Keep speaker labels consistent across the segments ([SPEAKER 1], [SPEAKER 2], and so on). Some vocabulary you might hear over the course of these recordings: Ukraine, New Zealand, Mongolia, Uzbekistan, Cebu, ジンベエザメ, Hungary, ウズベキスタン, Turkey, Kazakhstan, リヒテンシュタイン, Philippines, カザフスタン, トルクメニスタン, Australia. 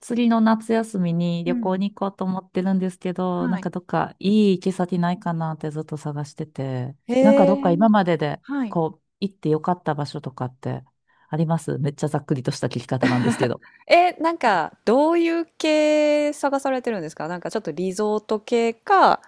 [SPEAKER 1] 次の夏休みに
[SPEAKER 2] う
[SPEAKER 1] 旅行
[SPEAKER 2] ん。
[SPEAKER 1] に行こうと思ってるんですけど、
[SPEAKER 2] はい。
[SPEAKER 1] どっかいい行き先ないかなってずっと探してて、
[SPEAKER 2] へ
[SPEAKER 1] どっか
[SPEAKER 2] え。
[SPEAKER 1] 今までで
[SPEAKER 2] はい。
[SPEAKER 1] こう行ってよかった場所とかってあります？めっちゃざっくりとした聞き方なんですけど。
[SPEAKER 2] え、なんか、どういう系探されてるんですか？なんかちょっとリゾート系か、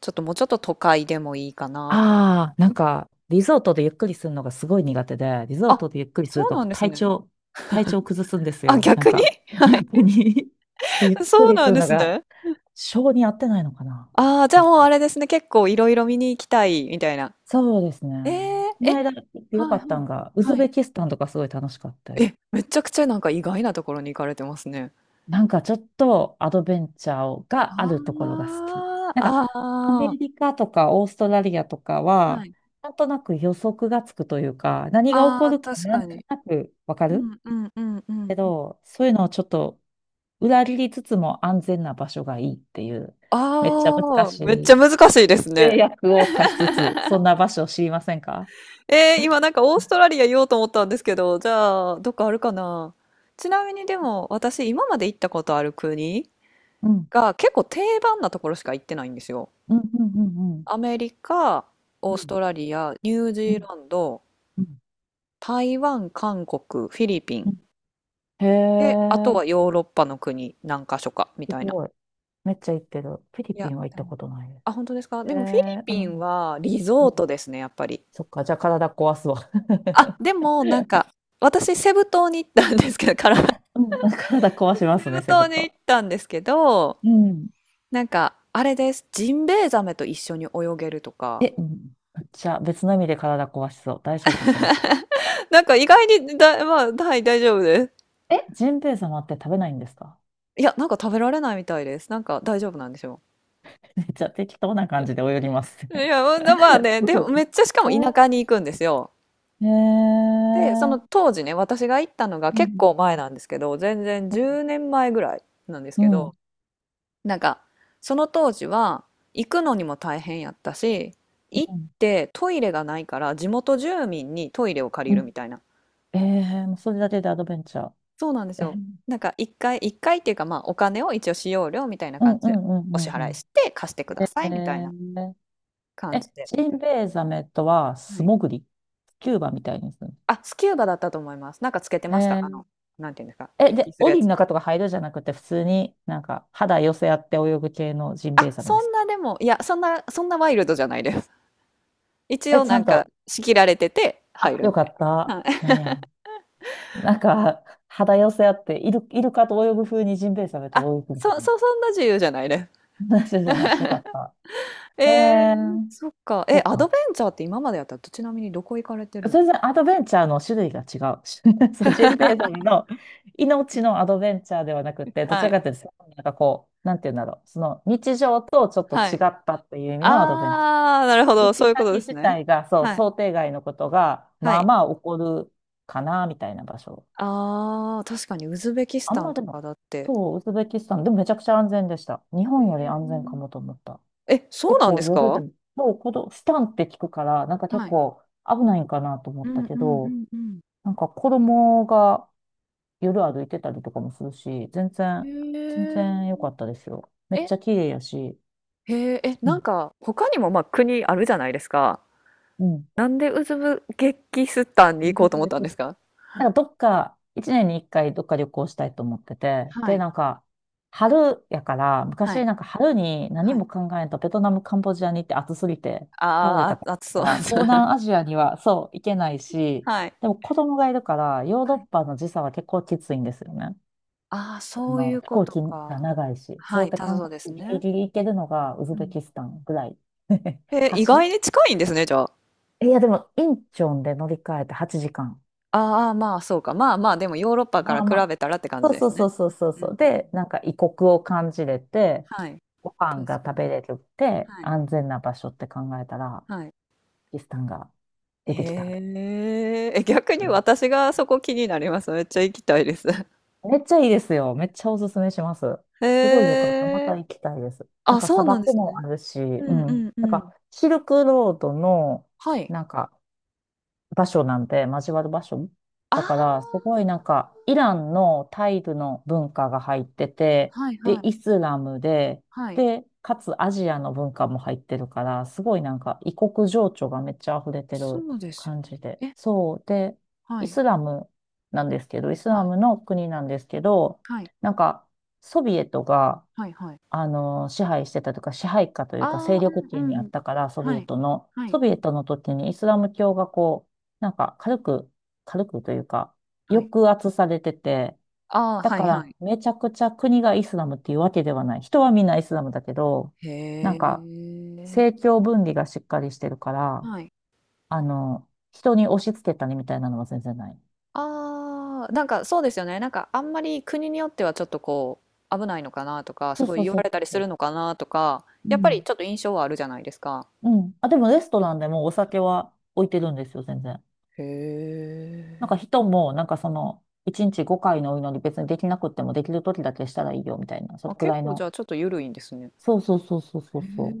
[SPEAKER 2] ちょっともうちょっと都会でもいいかなと。
[SPEAKER 1] ああ、リゾートでゆっくりするのがすごい苦手で、リゾー
[SPEAKER 2] あ、
[SPEAKER 1] トでゆっくりする
[SPEAKER 2] そう
[SPEAKER 1] と
[SPEAKER 2] なんですね。
[SPEAKER 1] 体調崩すんです
[SPEAKER 2] あ、
[SPEAKER 1] よ。なん
[SPEAKER 2] 逆に
[SPEAKER 1] か
[SPEAKER 2] はい。
[SPEAKER 1] 逆に。 ちょっとゆっ く
[SPEAKER 2] そう
[SPEAKER 1] りす
[SPEAKER 2] なん
[SPEAKER 1] る
[SPEAKER 2] で
[SPEAKER 1] の
[SPEAKER 2] す
[SPEAKER 1] が
[SPEAKER 2] ね。
[SPEAKER 1] 性に合ってないのかな。
[SPEAKER 2] ああ、じゃあもうあれですね。結構いろいろ見に行きたい、みたいな。
[SPEAKER 1] そうですね。
[SPEAKER 2] えー、
[SPEAKER 1] この
[SPEAKER 2] え、
[SPEAKER 1] 間行ってよ
[SPEAKER 2] は
[SPEAKER 1] か
[SPEAKER 2] い
[SPEAKER 1] っ
[SPEAKER 2] は
[SPEAKER 1] た
[SPEAKER 2] い。
[SPEAKER 1] んが、ウズ
[SPEAKER 2] は
[SPEAKER 1] ベ
[SPEAKER 2] い。
[SPEAKER 1] キスタンとかすごい楽しかった。
[SPEAKER 2] え、めちゃくちゃなんか意外なところに行かれてますね。
[SPEAKER 1] なんかちょっとアドベンチャーがあるところが好
[SPEAKER 2] あ
[SPEAKER 1] き。
[SPEAKER 2] あ、
[SPEAKER 1] なんかアメ
[SPEAKER 2] ああ、
[SPEAKER 1] リカとかオーストラリアとか
[SPEAKER 2] は
[SPEAKER 1] は、
[SPEAKER 2] い。
[SPEAKER 1] なんとなく予測がつくというか、何が起
[SPEAKER 2] あ
[SPEAKER 1] こ
[SPEAKER 2] あ、
[SPEAKER 1] るか
[SPEAKER 2] 確
[SPEAKER 1] な
[SPEAKER 2] か
[SPEAKER 1] んと
[SPEAKER 2] に。
[SPEAKER 1] なくわか
[SPEAKER 2] う
[SPEAKER 1] る
[SPEAKER 2] んうんうんう
[SPEAKER 1] け
[SPEAKER 2] ん。
[SPEAKER 1] ど、そういうのをちょっと裏切りつつも安全な場所がいいっていう、めっちゃ難
[SPEAKER 2] ああ、
[SPEAKER 1] し
[SPEAKER 2] めっちゃ
[SPEAKER 1] い
[SPEAKER 2] 難しいですね。
[SPEAKER 1] 制約を課しつつ、そんな場所を知りませんか？
[SPEAKER 2] 今なんかオーストラリア言おうと思ったんですけど、じゃあ、どっかあるかな。ちなみにでも、私今まで行ったことある国
[SPEAKER 1] うん。
[SPEAKER 2] が結構定番なところしか行ってないんですよ。
[SPEAKER 1] うんうんうんうん。
[SPEAKER 2] アメリカ、オ
[SPEAKER 1] う
[SPEAKER 2] ースト
[SPEAKER 1] ん
[SPEAKER 2] ラリア、ニュージ
[SPEAKER 1] う
[SPEAKER 2] ー
[SPEAKER 1] ん
[SPEAKER 2] ランド、
[SPEAKER 1] うん
[SPEAKER 2] 台湾、韓国、フィリピ
[SPEAKER 1] う
[SPEAKER 2] ン。
[SPEAKER 1] ん。へ
[SPEAKER 2] で、あと
[SPEAKER 1] え、
[SPEAKER 2] はヨーロッパの国何か所か、み
[SPEAKER 1] す
[SPEAKER 2] たいな。
[SPEAKER 1] ごい。めっちゃ行ってる。フィリ
[SPEAKER 2] い
[SPEAKER 1] ピ
[SPEAKER 2] や、
[SPEAKER 1] ンは行っ
[SPEAKER 2] で
[SPEAKER 1] た
[SPEAKER 2] も
[SPEAKER 1] ことないです。
[SPEAKER 2] あ、本当ですか？
[SPEAKER 1] へ
[SPEAKER 2] でもフィリ
[SPEAKER 1] え、う
[SPEAKER 2] ピ
[SPEAKER 1] ん。
[SPEAKER 2] ンはリ
[SPEAKER 1] う
[SPEAKER 2] ゾー
[SPEAKER 1] ん。
[SPEAKER 2] トですね、やっぱり。
[SPEAKER 1] そっか、じゃあ体壊すわ。
[SPEAKER 2] あ、で も、なんか、私、セブ島に行ったんですけど、から
[SPEAKER 1] うん、体壊しま
[SPEAKER 2] セ
[SPEAKER 1] すね、
[SPEAKER 2] ブ
[SPEAKER 1] セブ
[SPEAKER 2] 島に行
[SPEAKER 1] 島。
[SPEAKER 2] ったんですけど、
[SPEAKER 1] うん。
[SPEAKER 2] なんか、あれです。ジンベエザメと一緒に泳げるとか。
[SPEAKER 1] え、うん。じゃあ別の意味で体壊しそう。大丈夫、それ？
[SPEAKER 2] なんか意外にだ、まあ、はい、大丈夫です。
[SPEAKER 1] え、ジンベエ様って食べないんですか？
[SPEAKER 2] いや、なんか食べられないみたいです。なんか大丈夫なんでしょ
[SPEAKER 1] めっちゃ適当な感じで泳ぎます
[SPEAKER 2] う。い
[SPEAKER 1] ね。
[SPEAKER 2] や、ままあね、
[SPEAKER 1] す
[SPEAKER 2] で
[SPEAKER 1] ご
[SPEAKER 2] も
[SPEAKER 1] い。
[SPEAKER 2] めっちゃしかも田舎に行くんですよ。
[SPEAKER 1] えー、え
[SPEAKER 2] で、その
[SPEAKER 1] ー、
[SPEAKER 2] 当時ね、私が行ったのが
[SPEAKER 1] う
[SPEAKER 2] 結
[SPEAKER 1] ん。
[SPEAKER 2] 構前なんですけど、全然10年前ぐらいなんです
[SPEAKER 1] う
[SPEAKER 2] け
[SPEAKER 1] ん。
[SPEAKER 2] ど、なんか、その当時は、行くのにも大変やったし、行
[SPEAKER 1] う
[SPEAKER 2] っ
[SPEAKER 1] ん。
[SPEAKER 2] てトイレがないから、地元住民にトイレを借
[SPEAKER 1] う
[SPEAKER 2] りる
[SPEAKER 1] ん。
[SPEAKER 2] みたいな。
[SPEAKER 1] えー、もうそれだけでアドベンチャ
[SPEAKER 2] そうなんですよ。
[SPEAKER 1] ー。
[SPEAKER 2] なんか、一回、一回っていうか、まあ、お金を一応使用料みたいな
[SPEAKER 1] う
[SPEAKER 2] 感
[SPEAKER 1] ん
[SPEAKER 2] じ
[SPEAKER 1] う
[SPEAKER 2] で、
[SPEAKER 1] んう
[SPEAKER 2] お支
[SPEAKER 1] んうん
[SPEAKER 2] 払
[SPEAKER 1] う
[SPEAKER 2] いし
[SPEAKER 1] ん。
[SPEAKER 2] て、貸してく
[SPEAKER 1] え
[SPEAKER 2] ださいみたいな
[SPEAKER 1] ー、
[SPEAKER 2] 感じ
[SPEAKER 1] え、
[SPEAKER 2] で、やっ
[SPEAKER 1] ジ
[SPEAKER 2] た
[SPEAKER 1] ン
[SPEAKER 2] りとか。
[SPEAKER 1] ベエザメとは
[SPEAKER 2] は
[SPEAKER 1] 素
[SPEAKER 2] い。
[SPEAKER 1] 潜りスキューバみたいにするの？
[SPEAKER 2] あ、スキューバだったと思います。なんかつけて
[SPEAKER 1] へ
[SPEAKER 2] ました。あ
[SPEAKER 1] ー。
[SPEAKER 2] の、なんていうんですか、
[SPEAKER 1] え、
[SPEAKER 2] 一気
[SPEAKER 1] で、
[SPEAKER 2] するや
[SPEAKER 1] 檻の
[SPEAKER 2] つ。
[SPEAKER 1] 中とか入るじゃなくて、普通になんか肌寄せ合って泳ぐ系のジンベエ
[SPEAKER 2] あ、
[SPEAKER 1] ザメ
[SPEAKER 2] そ
[SPEAKER 1] です
[SPEAKER 2] ん
[SPEAKER 1] か？
[SPEAKER 2] なでも、いや、そんなワイルドじゃないです。一
[SPEAKER 1] え、
[SPEAKER 2] 応
[SPEAKER 1] ち
[SPEAKER 2] な
[SPEAKER 1] ゃ
[SPEAKER 2] ん
[SPEAKER 1] ん
[SPEAKER 2] か
[SPEAKER 1] と、
[SPEAKER 2] 仕切られてて
[SPEAKER 1] あ、
[SPEAKER 2] 入る
[SPEAKER 1] よ
[SPEAKER 2] み
[SPEAKER 1] か
[SPEAKER 2] たい
[SPEAKER 1] っ
[SPEAKER 2] な。
[SPEAKER 1] た。
[SPEAKER 2] はい。
[SPEAKER 1] なんや。なんか、肌寄せ合って、イルカと泳ぐ風にジンベエザメと
[SPEAKER 2] あ、
[SPEAKER 1] 泳ぐみた
[SPEAKER 2] そ
[SPEAKER 1] い
[SPEAKER 2] そそんな自由じゃないね。
[SPEAKER 1] な話？ じゃない。よかった。へえ、
[SPEAKER 2] そっか。
[SPEAKER 1] そ
[SPEAKER 2] え、
[SPEAKER 1] う
[SPEAKER 2] アド
[SPEAKER 1] か。
[SPEAKER 2] ベンチャーって今までやったら、ちなみにどこ行かれてるんで
[SPEAKER 1] 全
[SPEAKER 2] す
[SPEAKER 1] 然アドベンチャーの種類が違う。そう、ジンベエザメの命のアドベンチャーではなく
[SPEAKER 2] か？
[SPEAKER 1] て、どち
[SPEAKER 2] は
[SPEAKER 1] ら
[SPEAKER 2] い、
[SPEAKER 1] かというと、なんかこう、なんて言うんだろう。その日常とちょっと
[SPEAKER 2] は
[SPEAKER 1] 違
[SPEAKER 2] い。
[SPEAKER 1] ったっていう意味のアドベンチャー。
[SPEAKER 2] ああ、なるほ
[SPEAKER 1] リ
[SPEAKER 2] ど、
[SPEAKER 1] ッ
[SPEAKER 2] そう
[SPEAKER 1] チ
[SPEAKER 2] いうこ
[SPEAKER 1] 先
[SPEAKER 2] とです
[SPEAKER 1] 自
[SPEAKER 2] ね。
[SPEAKER 1] 体が、そう、
[SPEAKER 2] はい、
[SPEAKER 1] 想定外のことが、
[SPEAKER 2] は
[SPEAKER 1] まあ
[SPEAKER 2] い。
[SPEAKER 1] まあ起こるかな、みたいな場所。
[SPEAKER 2] ああ、確かにウズベキス
[SPEAKER 1] あん
[SPEAKER 2] タン
[SPEAKER 1] まで
[SPEAKER 2] とか
[SPEAKER 1] も、
[SPEAKER 2] だって。
[SPEAKER 1] そう、ウズベキスタン、でもめちゃくちゃ安全でした。日
[SPEAKER 2] え
[SPEAKER 1] 本より
[SPEAKER 2] ー。
[SPEAKER 1] 安全かもと思った。
[SPEAKER 2] え、そう
[SPEAKER 1] 結
[SPEAKER 2] なんで
[SPEAKER 1] 構
[SPEAKER 2] す
[SPEAKER 1] 夜で
[SPEAKER 2] か？
[SPEAKER 1] も、そう、このスタンって聞くから、なんか結
[SPEAKER 2] はい。
[SPEAKER 1] 構危ないんかなと思
[SPEAKER 2] う
[SPEAKER 1] った
[SPEAKER 2] ん
[SPEAKER 1] け
[SPEAKER 2] う
[SPEAKER 1] ど、
[SPEAKER 2] んうん
[SPEAKER 1] なんか子供が夜歩いてたりとかもするし、全
[SPEAKER 2] う
[SPEAKER 1] 然、
[SPEAKER 2] ん。
[SPEAKER 1] 全
[SPEAKER 2] へ
[SPEAKER 1] 然良かったですよ。め
[SPEAKER 2] え。
[SPEAKER 1] っち
[SPEAKER 2] え、
[SPEAKER 1] ゃ綺麗やし。
[SPEAKER 2] へえ、え、
[SPEAKER 1] う
[SPEAKER 2] な
[SPEAKER 1] ん。
[SPEAKER 2] んか他にも、国あるじゃないですか。
[SPEAKER 1] うん。
[SPEAKER 2] なんでウズブゲキスタンに行こ
[SPEAKER 1] そ
[SPEAKER 2] う
[SPEAKER 1] う
[SPEAKER 2] と思っ
[SPEAKER 1] で
[SPEAKER 2] たんで
[SPEAKER 1] す。
[SPEAKER 2] すか？
[SPEAKER 1] なんかどっか、一年に一回どっか旅行したいと思ってて、
[SPEAKER 2] は
[SPEAKER 1] で、
[SPEAKER 2] い、
[SPEAKER 1] なんか、春やから、
[SPEAKER 2] は
[SPEAKER 1] 昔
[SPEAKER 2] い、
[SPEAKER 1] なんか春に何
[SPEAKER 2] はい。
[SPEAKER 1] も考えんとベトナム、カンボジアに行って暑すぎて倒れた
[SPEAKER 2] あ
[SPEAKER 1] か
[SPEAKER 2] あ、暑そう。
[SPEAKER 1] ら、東南アジアにはそう、行けないし、
[SPEAKER 2] はい。
[SPEAKER 1] でも子供がいるから、ヨーロッパの時差は結構きついんですよね。
[SPEAKER 2] ああ、
[SPEAKER 1] あ
[SPEAKER 2] そうい
[SPEAKER 1] の、
[SPEAKER 2] う
[SPEAKER 1] 飛
[SPEAKER 2] こ
[SPEAKER 1] 行
[SPEAKER 2] と
[SPEAKER 1] 機が
[SPEAKER 2] か。
[SPEAKER 1] 長いし、そう
[SPEAKER 2] は
[SPEAKER 1] やっ
[SPEAKER 2] い、
[SPEAKER 1] て韓
[SPEAKER 2] そうです
[SPEAKER 1] 国ギリ
[SPEAKER 2] ね。
[SPEAKER 1] ギリ行けるのがウズ
[SPEAKER 2] う
[SPEAKER 1] ベ
[SPEAKER 2] ん。
[SPEAKER 1] キスタンぐらい。
[SPEAKER 2] へえ、意
[SPEAKER 1] 橋。
[SPEAKER 2] 外に近いんですね、じゃあ。
[SPEAKER 1] えいや、でも、インチョンで乗り換えて8時間。
[SPEAKER 2] ああ、まあ、そうか。まあまあ、でもヨーロッパから
[SPEAKER 1] まあま
[SPEAKER 2] 比
[SPEAKER 1] あ。
[SPEAKER 2] べたらって感じで
[SPEAKER 1] そう
[SPEAKER 2] す
[SPEAKER 1] そ
[SPEAKER 2] ね。
[SPEAKER 1] うそうそうそう
[SPEAKER 2] うんう
[SPEAKER 1] そ
[SPEAKER 2] ん
[SPEAKER 1] う。
[SPEAKER 2] うんうん。
[SPEAKER 1] で、なんか異国を感じれて、
[SPEAKER 2] はい。
[SPEAKER 1] ご飯
[SPEAKER 2] 確
[SPEAKER 1] が
[SPEAKER 2] か
[SPEAKER 1] 食
[SPEAKER 2] に。
[SPEAKER 1] べれるって
[SPEAKER 2] はい。
[SPEAKER 1] 安全な場所って考えたら、
[SPEAKER 2] はい。
[SPEAKER 1] キスタンが出てきたみたい
[SPEAKER 2] へえ。え、逆に
[SPEAKER 1] な。
[SPEAKER 2] 私がそこ気になります。めっちゃ行きたいです。
[SPEAKER 1] めっちゃいいですよ。めっちゃおすすめします。すごいよ
[SPEAKER 2] へ
[SPEAKER 1] かった。また
[SPEAKER 2] え。
[SPEAKER 1] 行きたいです。なん
[SPEAKER 2] あ、
[SPEAKER 1] か
[SPEAKER 2] そ
[SPEAKER 1] 砂
[SPEAKER 2] うなんで
[SPEAKER 1] 漠
[SPEAKER 2] す
[SPEAKER 1] も
[SPEAKER 2] ね。
[SPEAKER 1] あるし、
[SPEAKER 2] う
[SPEAKER 1] う
[SPEAKER 2] んう
[SPEAKER 1] ん。
[SPEAKER 2] ん
[SPEAKER 1] なん
[SPEAKER 2] う
[SPEAKER 1] か
[SPEAKER 2] ん。
[SPEAKER 1] シルクロードの、
[SPEAKER 2] はい。
[SPEAKER 1] なんか場所なんで、交わる場所。
[SPEAKER 2] あ
[SPEAKER 1] だ
[SPEAKER 2] あ。
[SPEAKER 1] から、すごいなんか、イランのタイルの文化が入ってて、
[SPEAKER 2] はい
[SPEAKER 1] で、
[SPEAKER 2] は
[SPEAKER 1] イ
[SPEAKER 2] い。
[SPEAKER 1] スラムで、
[SPEAKER 2] はい。
[SPEAKER 1] で、かつアジアの文化も入ってるから、すごいなんか、異国情緒がめっちゃ溢れてる
[SPEAKER 2] そうですよ
[SPEAKER 1] 感
[SPEAKER 2] ね。
[SPEAKER 1] じで。
[SPEAKER 2] え
[SPEAKER 1] そう。で、
[SPEAKER 2] は
[SPEAKER 1] イ
[SPEAKER 2] い、
[SPEAKER 1] スラムなんですけど、イス
[SPEAKER 2] は
[SPEAKER 1] ラ
[SPEAKER 2] い、
[SPEAKER 1] ムの国なんですけど、
[SPEAKER 2] はい、
[SPEAKER 1] なんか、ソビエトが
[SPEAKER 2] はいはい。
[SPEAKER 1] あの、支配してたというか、支配下というか、勢
[SPEAKER 2] ああ、
[SPEAKER 1] 力
[SPEAKER 2] う
[SPEAKER 1] 圏
[SPEAKER 2] ん
[SPEAKER 1] にあ
[SPEAKER 2] うん。
[SPEAKER 1] ったから、
[SPEAKER 2] はい、はい、
[SPEAKER 1] ソビエトの時にイスラム教がこう、なんか軽く、軽くというか、
[SPEAKER 2] はい。
[SPEAKER 1] 抑圧されてて、
[SPEAKER 2] ああ、
[SPEAKER 1] だ
[SPEAKER 2] は
[SPEAKER 1] か
[SPEAKER 2] いは
[SPEAKER 1] ら、
[SPEAKER 2] い。
[SPEAKER 1] めちゃくちゃ国がイスラムっていうわけではない。人はみんなイスラムだけど、なん
[SPEAKER 2] へ
[SPEAKER 1] か、
[SPEAKER 2] え。
[SPEAKER 1] 政教分離がしっかりしてるから、
[SPEAKER 2] はい。
[SPEAKER 1] あの、人に押し付けたりみたいなのは全然ない。
[SPEAKER 2] ああ、なんかそうですよね。なんかあんまり国によってはちょっとこう危ないのかなとか、
[SPEAKER 1] そ
[SPEAKER 2] す
[SPEAKER 1] う
[SPEAKER 2] ごい
[SPEAKER 1] そう
[SPEAKER 2] 言
[SPEAKER 1] そ
[SPEAKER 2] わ
[SPEAKER 1] う
[SPEAKER 2] れた
[SPEAKER 1] そ
[SPEAKER 2] り
[SPEAKER 1] う
[SPEAKER 2] す
[SPEAKER 1] そ
[SPEAKER 2] る
[SPEAKER 1] う。
[SPEAKER 2] のかなとか、
[SPEAKER 1] う
[SPEAKER 2] やっぱり
[SPEAKER 1] ん。
[SPEAKER 2] ちょっと印象はあるじゃないですか。
[SPEAKER 1] うん。あ、でもレストランでもお酒は置いてるんですよ、全然。
[SPEAKER 2] へ
[SPEAKER 1] なん
[SPEAKER 2] え。
[SPEAKER 1] か人も、なんかその、1日5回のお祈り別にできなくってもできる時だけしたらいいよみたいな、そ
[SPEAKER 2] あ、
[SPEAKER 1] れく
[SPEAKER 2] 結
[SPEAKER 1] らい
[SPEAKER 2] 構じゃ
[SPEAKER 1] の。
[SPEAKER 2] あちょっと緩いんですね。
[SPEAKER 1] そうそうそうそうそう
[SPEAKER 2] へ
[SPEAKER 1] そう。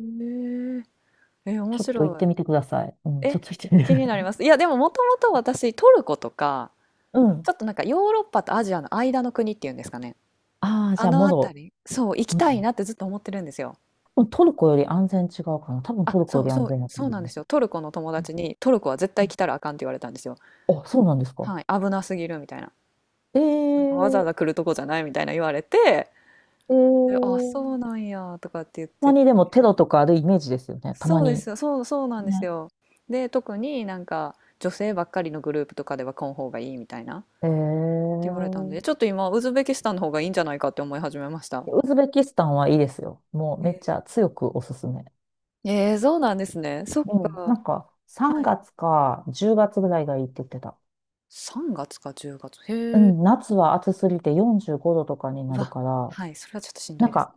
[SPEAKER 2] え。え、面
[SPEAKER 1] ちょっと行っ
[SPEAKER 2] 白
[SPEAKER 1] てみ
[SPEAKER 2] い。
[SPEAKER 1] てください。うん、ちょっ
[SPEAKER 2] え、
[SPEAKER 1] と行ってみて
[SPEAKER 2] 気
[SPEAKER 1] くだ
[SPEAKER 2] に
[SPEAKER 1] さ
[SPEAKER 2] なり
[SPEAKER 1] い。
[SPEAKER 2] ます。いや、でももともと私トルコとか
[SPEAKER 1] う
[SPEAKER 2] ち
[SPEAKER 1] ん。
[SPEAKER 2] ょっとなんかヨーロッパとアジアの間の国っていうんですかね。
[SPEAKER 1] ああ、じ
[SPEAKER 2] あ
[SPEAKER 1] ゃあ、
[SPEAKER 2] の
[SPEAKER 1] モロ。
[SPEAKER 2] 辺り、そう、行き
[SPEAKER 1] うん。
[SPEAKER 2] たいなってずっと思ってるんですよ。
[SPEAKER 1] 多分トルコより安全違うかな。多分
[SPEAKER 2] あ、
[SPEAKER 1] トルコ
[SPEAKER 2] そ
[SPEAKER 1] よ
[SPEAKER 2] う
[SPEAKER 1] り
[SPEAKER 2] そ
[SPEAKER 1] 安
[SPEAKER 2] う、
[SPEAKER 1] 全だと
[SPEAKER 2] そう
[SPEAKER 1] 思い
[SPEAKER 2] なんで
[SPEAKER 1] ます。
[SPEAKER 2] すよ。トルコの友
[SPEAKER 1] うん
[SPEAKER 2] 達に、トルコは絶
[SPEAKER 1] う
[SPEAKER 2] 対
[SPEAKER 1] ん。
[SPEAKER 2] 来たらあかんって言われたんですよ。
[SPEAKER 1] あ、そうなんですか。
[SPEAKER 2] はい、危なすぎるみたいな。
[SPEAKER 1] え
[SPEAKER 2] なんかわざわ
[SPEAKER 1] え。
[SPEAKER 2] ざ来るとこじゃないみたいな言われて、
[SPEAKER 1] え
[SPEAKER 2] であ、
[SPEAKER 1] ー。
[SPEAKER 2] そうなんやとかって言っ
[SPEAKER 1] たま
[SPEAKER 2] て、
[SPEAKER 1] にでもテロとかあるイメージですよね。たま
[SPEAKER 2] そうで
[SPEAKER 1] に。
[SPEAKER 2] すよ、そう、そうなんです
[SPEAKER 1] ね。
[SPEAKER 2] よ。で、特になんか女性ばっかりのグループとかでは来ん方がいいみたいなって
[SPEAKER 1] え
[SPEAKER 2] 言われたんで、ち
[SPEAKER 1] え。
[SPEAKER 2] ょっと今、ウズベキスタンの方がいいんじゃないかって思い始めました。
[SPEAKER 1] ウズベキスタンはいいですよ。もうめっちゃ
[SPEAKER 2] え
[SPEAKER 1] 強くおすすめ。
[SPEAKER 2] そうなんですね。そっ
[SPEAKER 1] うん、
[SPEAKER 2] か。
[SPEAKER 1] なんか3
[SPEAKER 2] はい。
[SPEAKER 1] 月か10月ぐらいがいいって言ってた。
[SPEAKER 2] 3月か10月。
[SPEAKER 1] う
[SPEAKER 2] へえ。
[SPEAKER 1] ん、夏は暑すぎて45度とかにな
[SPEAKER 2] う
[SPEAKER 1] る
[SPEAKER 2] わ、
[SPEAKER 1] から、
[SPEAKER 2] はい、それはちょっとしんど
[SPEAKER 1] なん
[SPEAKER 2] いですね。
[SPEAKER 1] か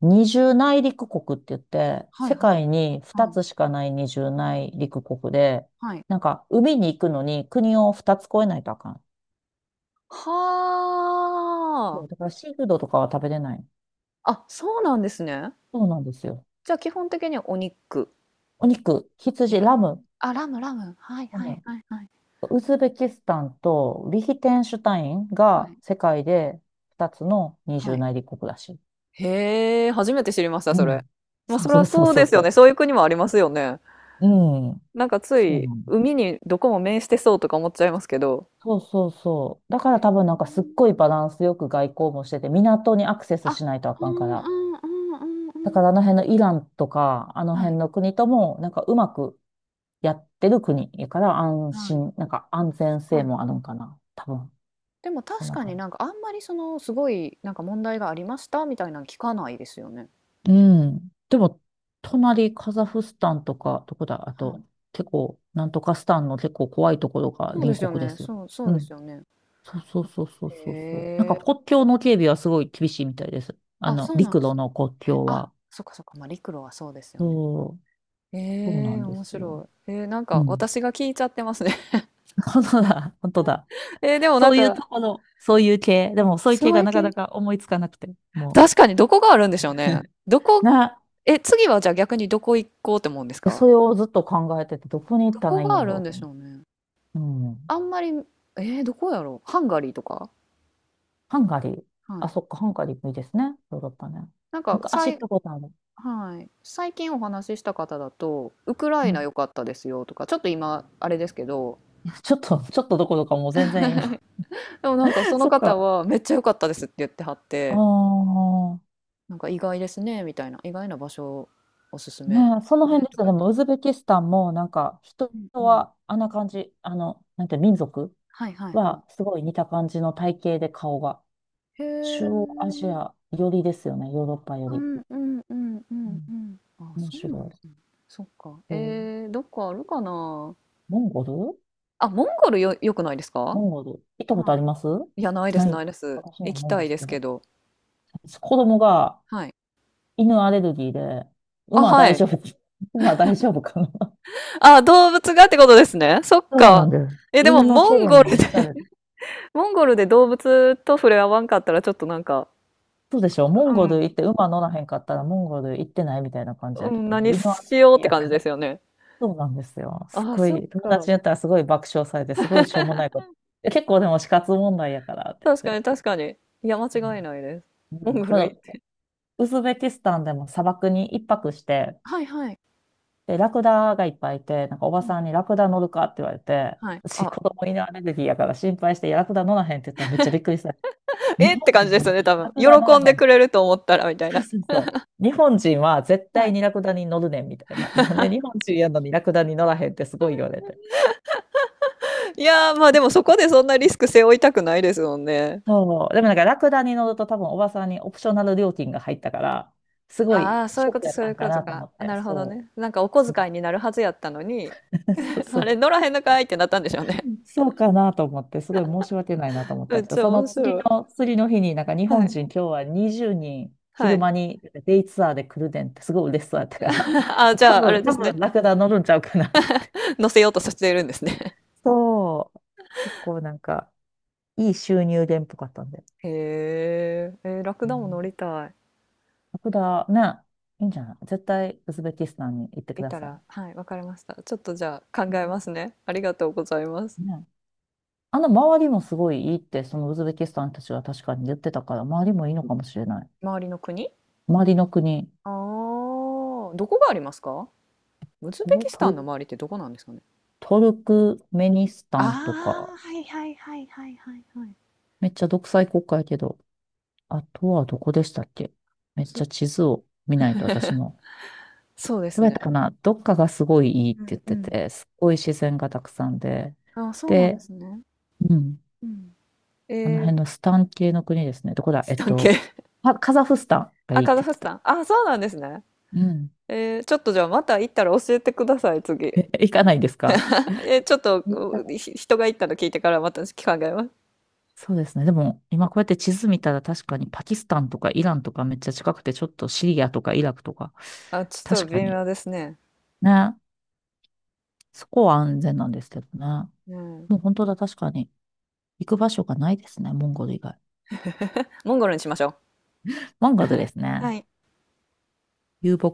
[SPEAKER 1] 二重内陸国って言って、
[SPEAKER 2] はい
[SPEAKER 1] 世
[SPEAKER 2] はい。
[SPEAKER 1] 界に
[SPEAKER 2] は
[SPEAKER 1] 2
[SPEAKER 2] い、
[SPEAKER 1] つしかない二重内陸国で、
[SPEAKER 2] はい。
[SPEAKER 1] なんか海に行くのに国を2つ越えないとあかん。そ
[SPEAKER 2] は
[SPEAKER 1] う、だからシーフードとかは食べれない。
[SPEAKER 2] あ。あ、そうなんですね。
[SPEAKER 1] そうなんですよ。
[SPEAKER 2] じゃあ基本的にはお肉。
[SPEAKER 1] お肉、
[SPEAKER 2] へ
[SPEAKER 1] 羊、
[SPEAKER 2] え。
[SPEAKER 1] ラム、
[SPEAKER 2] あ、ラムラム。はい
[SPEAKER 1] ラ
[SPEAKER 2] はい
[SPEAKER 1] ム。
[SPEAKER 2] はいはい
[SPEAKER 1] ウズベキスタンとリヒテンシュタイン
[SPEAKER 2] は
[SPEAKER 1] が
[SPEAKER 2] い。
[SPEAKER 1] 世界で2つの二
[SPEAKER 2] は
[SPEAKER 1] 重
[SPEAKER 2] い。
[SPEAKER 1] 内陸国らしい。
[SPEAKER 2] へえ、初めて知りました、
[SPEAKER 1] う
[SPEAKER 2] それ。
[SPEAKER 1] ん。
[SPEAKER 2] ま、
[SPEAKER 1] そう
[SPEAKER 2] そり
[SPEAKER 1] そ
[SPEAKER 2] ゃ
[SPEAKER 1] うそう
[SPEAKER 2] そう
[SPEAKER 1] そ
[SPEAKER 2] で
[SPEAKER 1] う
[SPEAKER 2] す
[SPEAKER 1] そ
[SPEAKER 2] よね。
[SPEAKER 1] う。
[SPEAKER 2] そういう国もありますよね。
[SPEAKER 1] うん。
[SPEAKER 2] なんかつ
[SPEAKER 1] そう
[SPEAKER 2] い、
[SPEAKER 1] なの。
[SPEAKER 2] 海にどこも面してそうとか思っちゃいますけど。
[SPEAKER 1] そうそうそう。だから多分なんかすっごいバランスよく外交もしてて、港にアクセス
[SPEAKER 2] あ、
[SPEAKER 1] しないとあ
[SPEAKER 2] う
[SPEAKER 1] かんか
[SPEAKER 2] んう
[SPEAKER 1] ら。
[SPEAKER 2] んうんう
[SPEAKER 1] だか
[SPEAKER 2] ん
[SPEAKER 1] らあの辺のイランとか、あの
[SPEAKER 2] うん。はい、
[SPEAKER 1] 辺の国とも、なんかうまくやってる国やから安
[SPEAKER 2] はい。
[SPEAKER 1] 心、なんか安
[SPEAKER 2] 確
[SPEAKER 1] 全性
[SPEAKER 2] か
[SPEAKER 1] も
[SPEAKER 2] に。
[SPEAKER 1] あるんかな。多分。
[SPEAKER 2] でも
[SPEAKER 1] そん
[SPEAKER 2] 確
[SPEAKER 1] な
[SPEAKER 2] かに
[SPEAKER 1] 感
[SPEAKER 2] な
[SPEAKER 1] じ。
[SPEAKER 2] んかあんまりそのすごいなんか問題がありましたみたいなの聞かないですよね。
[SPEAKER 1] うん。でも、隣カザフスタンとか、どこだ、あ
[SPEAKER 2] はい。
[SPEAKER 1] と、結構、なんとかスタンの結構怖いところが
[SPEAKER 2] そうで
[SPEAKER 1] 隣
[SPEAKER 2] すよ
[SPEAKER 1] 国で
[SPEAKER 2] ね。
[SPEAKER 1] すよ。
[SPEAKER 2] そう、そう
[SPEAKER 1] う
[SPEAKER 2] です
[SPEAKER 1] ん。
[SPEAKER 2] よね。
[SPEAKER 1] そうそうそうそう
[SPEAKER 2] へ
[SPEAKER 1] そうそう。なんか
[SPEAKER 2] え。
[SPEAKER 1] 国境の警備はすごい厳しいみたいです。あ
[SPEAKER 2] あ、
[SPEAKER 1] の、
[SPEAKER 2] そうなん
[SPEAKER 1] 陸
[SPEAKER 2] で
[SPEAKER 1] 路
[SPEAKER 2] すね。
[SPEAKER 1] の国
[SPEAKER 2] へ
[SPEAKER 1] 境
[SPEAKER 2] あ、
[SPEAKER 1] は。
[SPEAKER 2] そっかそっか、まあ、陸路はそうですよね。
[SPEAKER 1] そう、そうな
[SPEAKER 2] ええ、
[SPEAKER 1] んで
[SPEAKER 2] 面
[SPEAKER 1] すよ。
[SPEAKER 2] 白い。なん
[SPEAKER 1] う
[SPEAKER 2] か
[SPEAKER 1] ん。
[SPEAKER 2] 私が聞いちゃってますね。
[SPEAKER 1] 本当だ、本当だ。
[SPEAKER 2] でもな
[SPEAKER 1] そ
[SPEAKER 2] ん
[SPEAKER 1] ういう
[SPEAKER 2] か、
[SPEAKER 1] ところ、そういう系。でも、そういう系
[SPEAKER 2] そう
[SPEAKER 1] が
[SPEAKER 2] いう
[SPEAKER 1] なか
[SPEAKER 2] け
[SPEAKER 1] なか思いつかなくて、も
[SPEAKER 2] 確かにどこがあるんでしょうね。
[SPEAKER 1] う。
[SPEAKER 2] どこ
[SPEAKER 1] な、
[SPEAKER 2] え、次はじゃあ逆にどこ行こうって思うんです
[SPEAKER 1] で
[SPEAKER 2] か？
[SPEAKER 1] それをずっと考えてて、どこに行っ
[SPEAKER 2] ど
[SPEAKER 1] た
[SPEAKER 2] こ
[SPEAKER 1] らいいん
[SPEAKER 2] があ
[SPEAKER 1] やろ
[SPEAKER 2] るん
[SPEAKER 1] うと
[SPEAKER 2] でし
[SPEAKER 1] 思
[SPEAKER 2] ょうね。
[SPEAKER 1] う。う
[SPEAKER 2] あ
[SPEAKER 1] ん。
[SPEAKER 2] んまり、どこやろう。ハンガリーとか？
[SPEAKER 1] ハンガリー。
[SPEAKER 2] は
[SPEAKER 1] あ、
[SPEAKER 2] い。
[SPEAKER 1] そっか、ハンガリーもいいですね。ヨーロッパね。
[SPEAKER 2] なんか
[SPEAKER 1] 昔
[SPEAKER 2] さ
[SPEAKER 1] 行っ
[SPEAKER 2] い
[SPEAKER 1] たことある。
[SPEAKER 2] はい。最近お話しした方だと、ウクラ
[SPEAKER 1] う
[SPEAKER 2] イナ
[SPEAKER 1] ん。
[SPEAKER 2] 良かったですよとか、ちょっと今、あれですけど、
[SPEAKER 1] ちょっと、ちょっとどころかもう全然今。
[SPEAKER 2] でもなんかそ の
[SPEAKER 1] そっ
[SPEAKER 2] 方
[SPEAKER 1] か。
[SPEAKER 2] はめっちゃ良かったですって言ってはっ
[SPEAKER 1] あ
[SPEAKER 2] て、
[SPEAKER 1] あ。
[SPEAKER 2] なんか意外ですね、みたいな、意外な場所おすす
[SPEAKER 1] ね
[SPEAKER 2] めで
[SPEAKER 1] え、
[SPEAKER 2] す
[SPEAKER 1] その
[SPEAKER 2] ね、
[SPEAKER 1] 辺で
[SPEAKER 2] と
[SPEAKER 1] すよ。
[SPEAKER 2] かっ
[SPEAKER 1] で
[SPEAKER 2] て。
[SPEAKER 1] も、ウズベキスタンも、なんか、人
[SPEAKER 2] うんうん。
[SPEAKER 1] は、あんな感じ、あの、なんて、民族
[SPEAKER 2] はいはいはい。
[SPEAKER 1] は、すごい似た感じの体型で顔が。
[SPEAKER 2] へ
[SPEAKER 1] 中
[SPEAKER 2] え。
[SPEAKER 1] 央アジア寄りですよね、ヨーロッパよ
[SPEAKER 2] う
[SPEAKER 1] り。
[SPEAKER 2] んうんうんう
[SPEAKER 1] う
[SPEAKER 2] ん
[SPEAKER 1] ん、
[SPEAKER 2] うん。あ、
[SPEAKER 1] 面
[SPEAKER 2] そうなん
[SPEAKER 1] 白
[SPEAKER 2] ですね。そっか。
[SPEAKER 1] い。うん、
[SPEAKER 2] どっかあるかな。
[SPEAKER 1] モンゴル
[SPEAKER 2] あ、モンゴルよ、良くないですか？
[SPEAKER 1] モンゴル行ったことあ
[SPEAKER 2] は
[SPEAKER 1] ります
[SPEAKER 2] い。いや、ないです、
[SPEAKER 1] な
[SPEAKER 2] な
[SPEAKER 1] い。
[SPEAKER 2] いです。
[SPEAKER 1] 私も
[SPEAKER 2] 行き
[SPEAKER 1] ないん
[SPEAKER 2] た
[SPEAKER 1] で
[SPEAKER 2] い
[SPEAKER 1] す
[SPEAKER 2] です
[SPEAKER 1] け
[SPEAKER 2] け
[SPEAKER 1] ど。
[SPEAKER 2] ど。
[SPEAKER 1] 子供が
[SPEAKER 2] はい。
[SPEAKER 1] 犬アレルギーで、
[SPEAKER 2] あ、
[SPEAKER 1] 馬
[SPEAKER 2] は
[SPEAKER 1] 大丈
[SPEAKER 2] い。
[SPEAKER 1] 夫、馬大丈夫かな。
[SPEAKER 2] あ、動物がってことですね。そっ
[SPEAKER 1] そうな
[SPEAKER 2] か。
[SPEAKER 1] んです。
[SPEAKER 2] え、でも、
[SPEAKER 1] 犬の
[SPEAKER 2] モ
[SPEAKER 1] 毛
[SPEAKER 2] ン
[SPEAKER 1] で
[SPEAKER 2] ゴ
[SPEAKER 1] ね、
[SPEAKER 2] ル
[SPEAKER 1] め
[SPEAKER 2] で
[SPEAKER 1] っちゃある。
[SPEAKER 2] モンゴルで動物と触れ合わんかったら、ちょっとなんか、
[SPEAKER 1] そうでしょモン
[SPEAKER 2] う
[SPEAKER 1] ゴル行っ
[SPEAKER 2] ん、
[SPEAKER 1] て馬乗らへんかったらモンゴル行ってないみたいな感じや
[SPEAKER 2] う
[SPEAKER 1] け
[SPEAKER 2] ん、
[SPEAKER 1] ど、
[SPEAKER 2] 何
[SPEAKER 1] 犬は
[SPEAKER 2] しようって
[SPEAKER 1] や
[SPEAKER 2] 感じ
[SPEAKER 1] か
[SPEAKER 2] で
[SPEAKER 1] ら。
[SPEAKER 2] すよね。
[SPEAKER 1] そうなんですよ。す
[SPEAKER 2] あ、
[SPEAKER 1] ご
[SPEAKER 2] そっ
[SPEAKER 1] い、友
[SPEAKER 2] か。
[SPEAKER 1] 達に言ったらすごい爆笑されて、すごいしょうもないこと。え結構でも死活問題やからって
[SPEAKER 2] 確
[SPEAKER 1] 言っ
[SPEAKER 2] かに、
[SPEAKER 1] て。
[SPEAKER 2] 確かに。いや、間違いないです。
[SPEAKER 1] うん
[SPEAKER 2] モ
[SPEAKER 1] うん、
[SPEAKER 2] ンゴ
[SPEAKER 1] こ
[SPEAKER 2] ル
[SPEAKER 1] の
[SPEAKER 2] 行って。
[SPEAKER 1] ウズベキスタンでも砂漠に一泊して、
[SPEAKER 2] はいはい。
[SPEAKER 1] で、ラクダがいっぱいいて、なんかお
[SPEAKER 2] う
[SPEAKER 1] ばさ
[SPEAKER 2] ん。
[SPEAKER 1] んにラクダ乗るかって言われて、
[SPEAKER 2] はい。
[SPEAKER 1] 私
[SPEAKER 2] あ、
[SPEAKER 1] 子供犬アレルギーやから心配して、いやラクダ乗らへんって言ったらめっちゃびっくりした。日
[SPEAKER 2] えって
[SPEAKER 1] 本
[SPEAKER 2] 感じ
[SPEAKER 1] 人
[SPEAKER 2] で
[SPEAKER 1] や
[SPEAKER 2] す
[SPEAKER 1] の
[SPEAKER 2] よね、
[SPEAKER 1] に
[SPEAKER 2] 多
[SPEAKER 1] ラ
[SPEAKER 2] 分。
[SPEAKER 1] クダ乗ら
[SPEAKER 2] 喜んで
[SPEAKER 1] へんっ
[SPEAKER 2] くれ
[SPEAKER 1] て。
[SPEAKER 2] ると思ったら、みたい
[SPEAKER 1] そう
[SPEAKER 2] な。
[SPEAKER 1] そうそう。日本人は絶
[SPEAKER 2] は
[SPEAKER 1] 対
[SPEAKER 2] い。
[SPEAKER 1] にラクダに乗るねんみたいな。なんで日本人やのにラクダに乗らへんってすごい言われて。
[SPEAKER 2] いやー、まあでもそこでそんなリスク背負いたくないですもんね。
[SPEAKER 1] そう。でもなんかラクダに乗ると多分おばさんにオプショナル料金が入ったから、すごい
[SPEAKER 2] ああ、そう
[SPEAKER 1] シ
[SPEAKER 2] いう
[SPEAKER 1] ョッ
[SPEAKER 2] こ
[SPEAKER 1] ク
[SPEAKER 2] と、
[SPEAKER 1] やっ
[SPEAKER 2] そうい
[SPEAKER 1] たん
[SPEAKER 2] う
[SPEAKER 1] か
[SPEAKER 2] こと
[SPEAKER 1] なと
[SPEAKER 2] か。
[SPEAKER 1] 思っ
[SPEAKER 2] あ、
[SPEAKER 1] て。
[SPEAKER 2] なるほど
[SPEAKER 1] そ
[SPEAKER 2] ね。なんかお小
[SPEAKER 1] う。う
[SPEAKER 2] 遣い
[SPEAKER 1] ん
[SPEAKER 2] になるはずやったのに、
[SPEAKER 1] そう
[SPEAKER 2] あ
[SPEAKER 1] そう。
[SPEAKER 2] れ、乗らへんのかいってなったんでしょうね。
[SPEAKER 1] そうかなと思って、すごい申し訳ないなと思 っ
[SPEAKER 2] め
[SPEAKER 1] た
[SPEAKER 2] っ
[SPEAKER 1] けど、
[SPEAKER 2] ちゃ
[SPEAKER 1] その
[SPEAKER 2] 面
[SPEAKER 1] 次
[SPEAKER 2] 白い。
[SPEAKER 1] の、次の日になんか日
[SPEAKER 2] は
[SPEAKER 1] 本
[SPEAKER 2] い。
[SPEAKER 1] 人今日は20人
[SPEAKER 2] は
[SPEAKER 1] 昼
[SPEAKER 2] い。
[SPEAKER 1] 間にデイツアーで来るねんってすごい嬉しそうやったから、
[SPEAKER 2] あ、じ
[SPEAKER 1] 多
[SPEAKER 2] ゃあ、あ
[SPEAKER 1] 分、
[SPEAKER 2] れで
[SPEAKER 1] 多
[SPEAKER 2] すね。
[SPEAKER 1] 分ラクダ乗るんちゃうかなって
[SPEAKER 2] 乗せようとさせているんですね。
[SPEAKER 1] そう。結構なんか、いい収入源っぽかったんで。
[SPEAKER 2] へえ、ラク
[SPEAKER 1] う
[SPEAKER 2] ダも
[SPEAKER 1] ん。
[SPEAKER 2] 乗りたい。
[SPEAKER 1] だ。ね。いいんじゃない絶対、ウズベキスタンに行ってく
[SPEAKER 2] い
[SPEAKER 1] だ
[SPEAKER 2] た
[SPEAKER 1] さ
[SPEAKER 2] ら、
[SPEAKER 1] い。
[SPEAKER 2] はい、わかりました。ちょっとじゃあ考
[SPEAKER 1] う
[SPEAKER 2] え
[SPEAKER 1] ん
[SPEAKER 2] ますね。ありがとうございます。
[SPEAKER 1] ね。あの、周りもすごいいいって、そのウズベキスタンたちは確かに言ってたから、周りもいいのかもしれない。
[SPEAKER 2] 周りの国
[SPEAKER 1] 周りの国、
[SPEAKER 2] ああどこがありますか？ウズ
[SPEAKER 1] こ
[SPEAKER 2] ベ
[SPEAKER 1] の
[SPEAKER 2] キス
[SPEAKER 1] ト
[SPEAKER 2] タン
[SPEAKER 1] ル、
[SPEAKER 2] の周りってどこなんですかね？
[SPEAKER 1] トルクメニス
[SPEAKER 2] あ
[SPEAKER 1] タンとか、
[SPEAKER 2] あ、はいはいはいはいはいはい。
[SPEAKER 1] めっちゃ独裁国家やけど、あとはどこでしたっけ、
[SPEAKER 2] ウ
[SPEAKER 1] めっち
[SPEAKER 2] ズ
[SPEAKER 1] ゃ地図を見ないと私も。
[SPEAKER 2] そうで
[SPEAKER 1] ど
[SPEAKER 2] す
[SPEAKER 1] うやっ
[SPEAKER 2] ね。
[SPEAKER 1] たかなどっかがすごいいいって
[SPEAKER 2] う
[SPEAKER 1] 言っ
[SPEAKER 2] んう
[SPEAKER 1] て
[SPEAKER 2] ん。
[SPEAKER 1] て、すっごい自然がたくさんで。
[SPEAKER 2] あ、そうなんで
[SPEAKER 1] で、
[SPEAKER 2] すね。
[SPEAKER 1] うん。
[SPEAKER 2] うん。
[SPEAKER 1] あの
[SPEAKER 2] えー、
[SPEAKER 1] 辺のスタン系の国ですね。どこだ
[SPEAKER 2] スタン系
[SPEAKER 1] あ、カザフスタンが
[SPEAKER 2] あ、
[SPEAKER 1] いいっ
[SPEAKER 2] カザ
[SPEAKER 1] て言っ
[SPEAKER 2] フ
[SPEAKER 1] て
[SPEAKER 2] ス
[SPEAKER 1] た。
[SPEAKER 2] タン。あ、そうなんですね。
[SPEAKER 1] うん。
[SPEAKER 2] ちょっとじゃあまた行ったら教えてください、次。
[SPEAKER 1] え、行かないですか、
[SPEAKER 2] ちょっと
[SPEAKER 1] 行ったら
[SPEAKER 2] 人が行ったの聞いてからまた考えます。
[SPEAKER 1] そうですね。でも、今こうやって地図見たら確かにパキスタンとかイランとかめっちゃ近くて、ちょっとシリアとかイラクとか、
[SPEAKER 2] あ、ちょっと
[SPEAKER 1] 確か
[SPEAKER 2] 微
[SPEAKER 1] に。
[SPEAKER 2] 妙ですね。
[SPEAKER 1] ね。そこは安全なんですけどね。
[SPEAKER 2] うん。
[SPEAKER 1] もう本当だ、確かに。行く場所がないですね。モンゴル以外。
[SPEAKER 2] モンゴルにしましょう。
[SPEAKER 1] モンゴルです
[SPEAKER 2] は
[SPEAKER 1] ね。
[SPEAKER 2] い。
[SPEAKER 1] 遊牧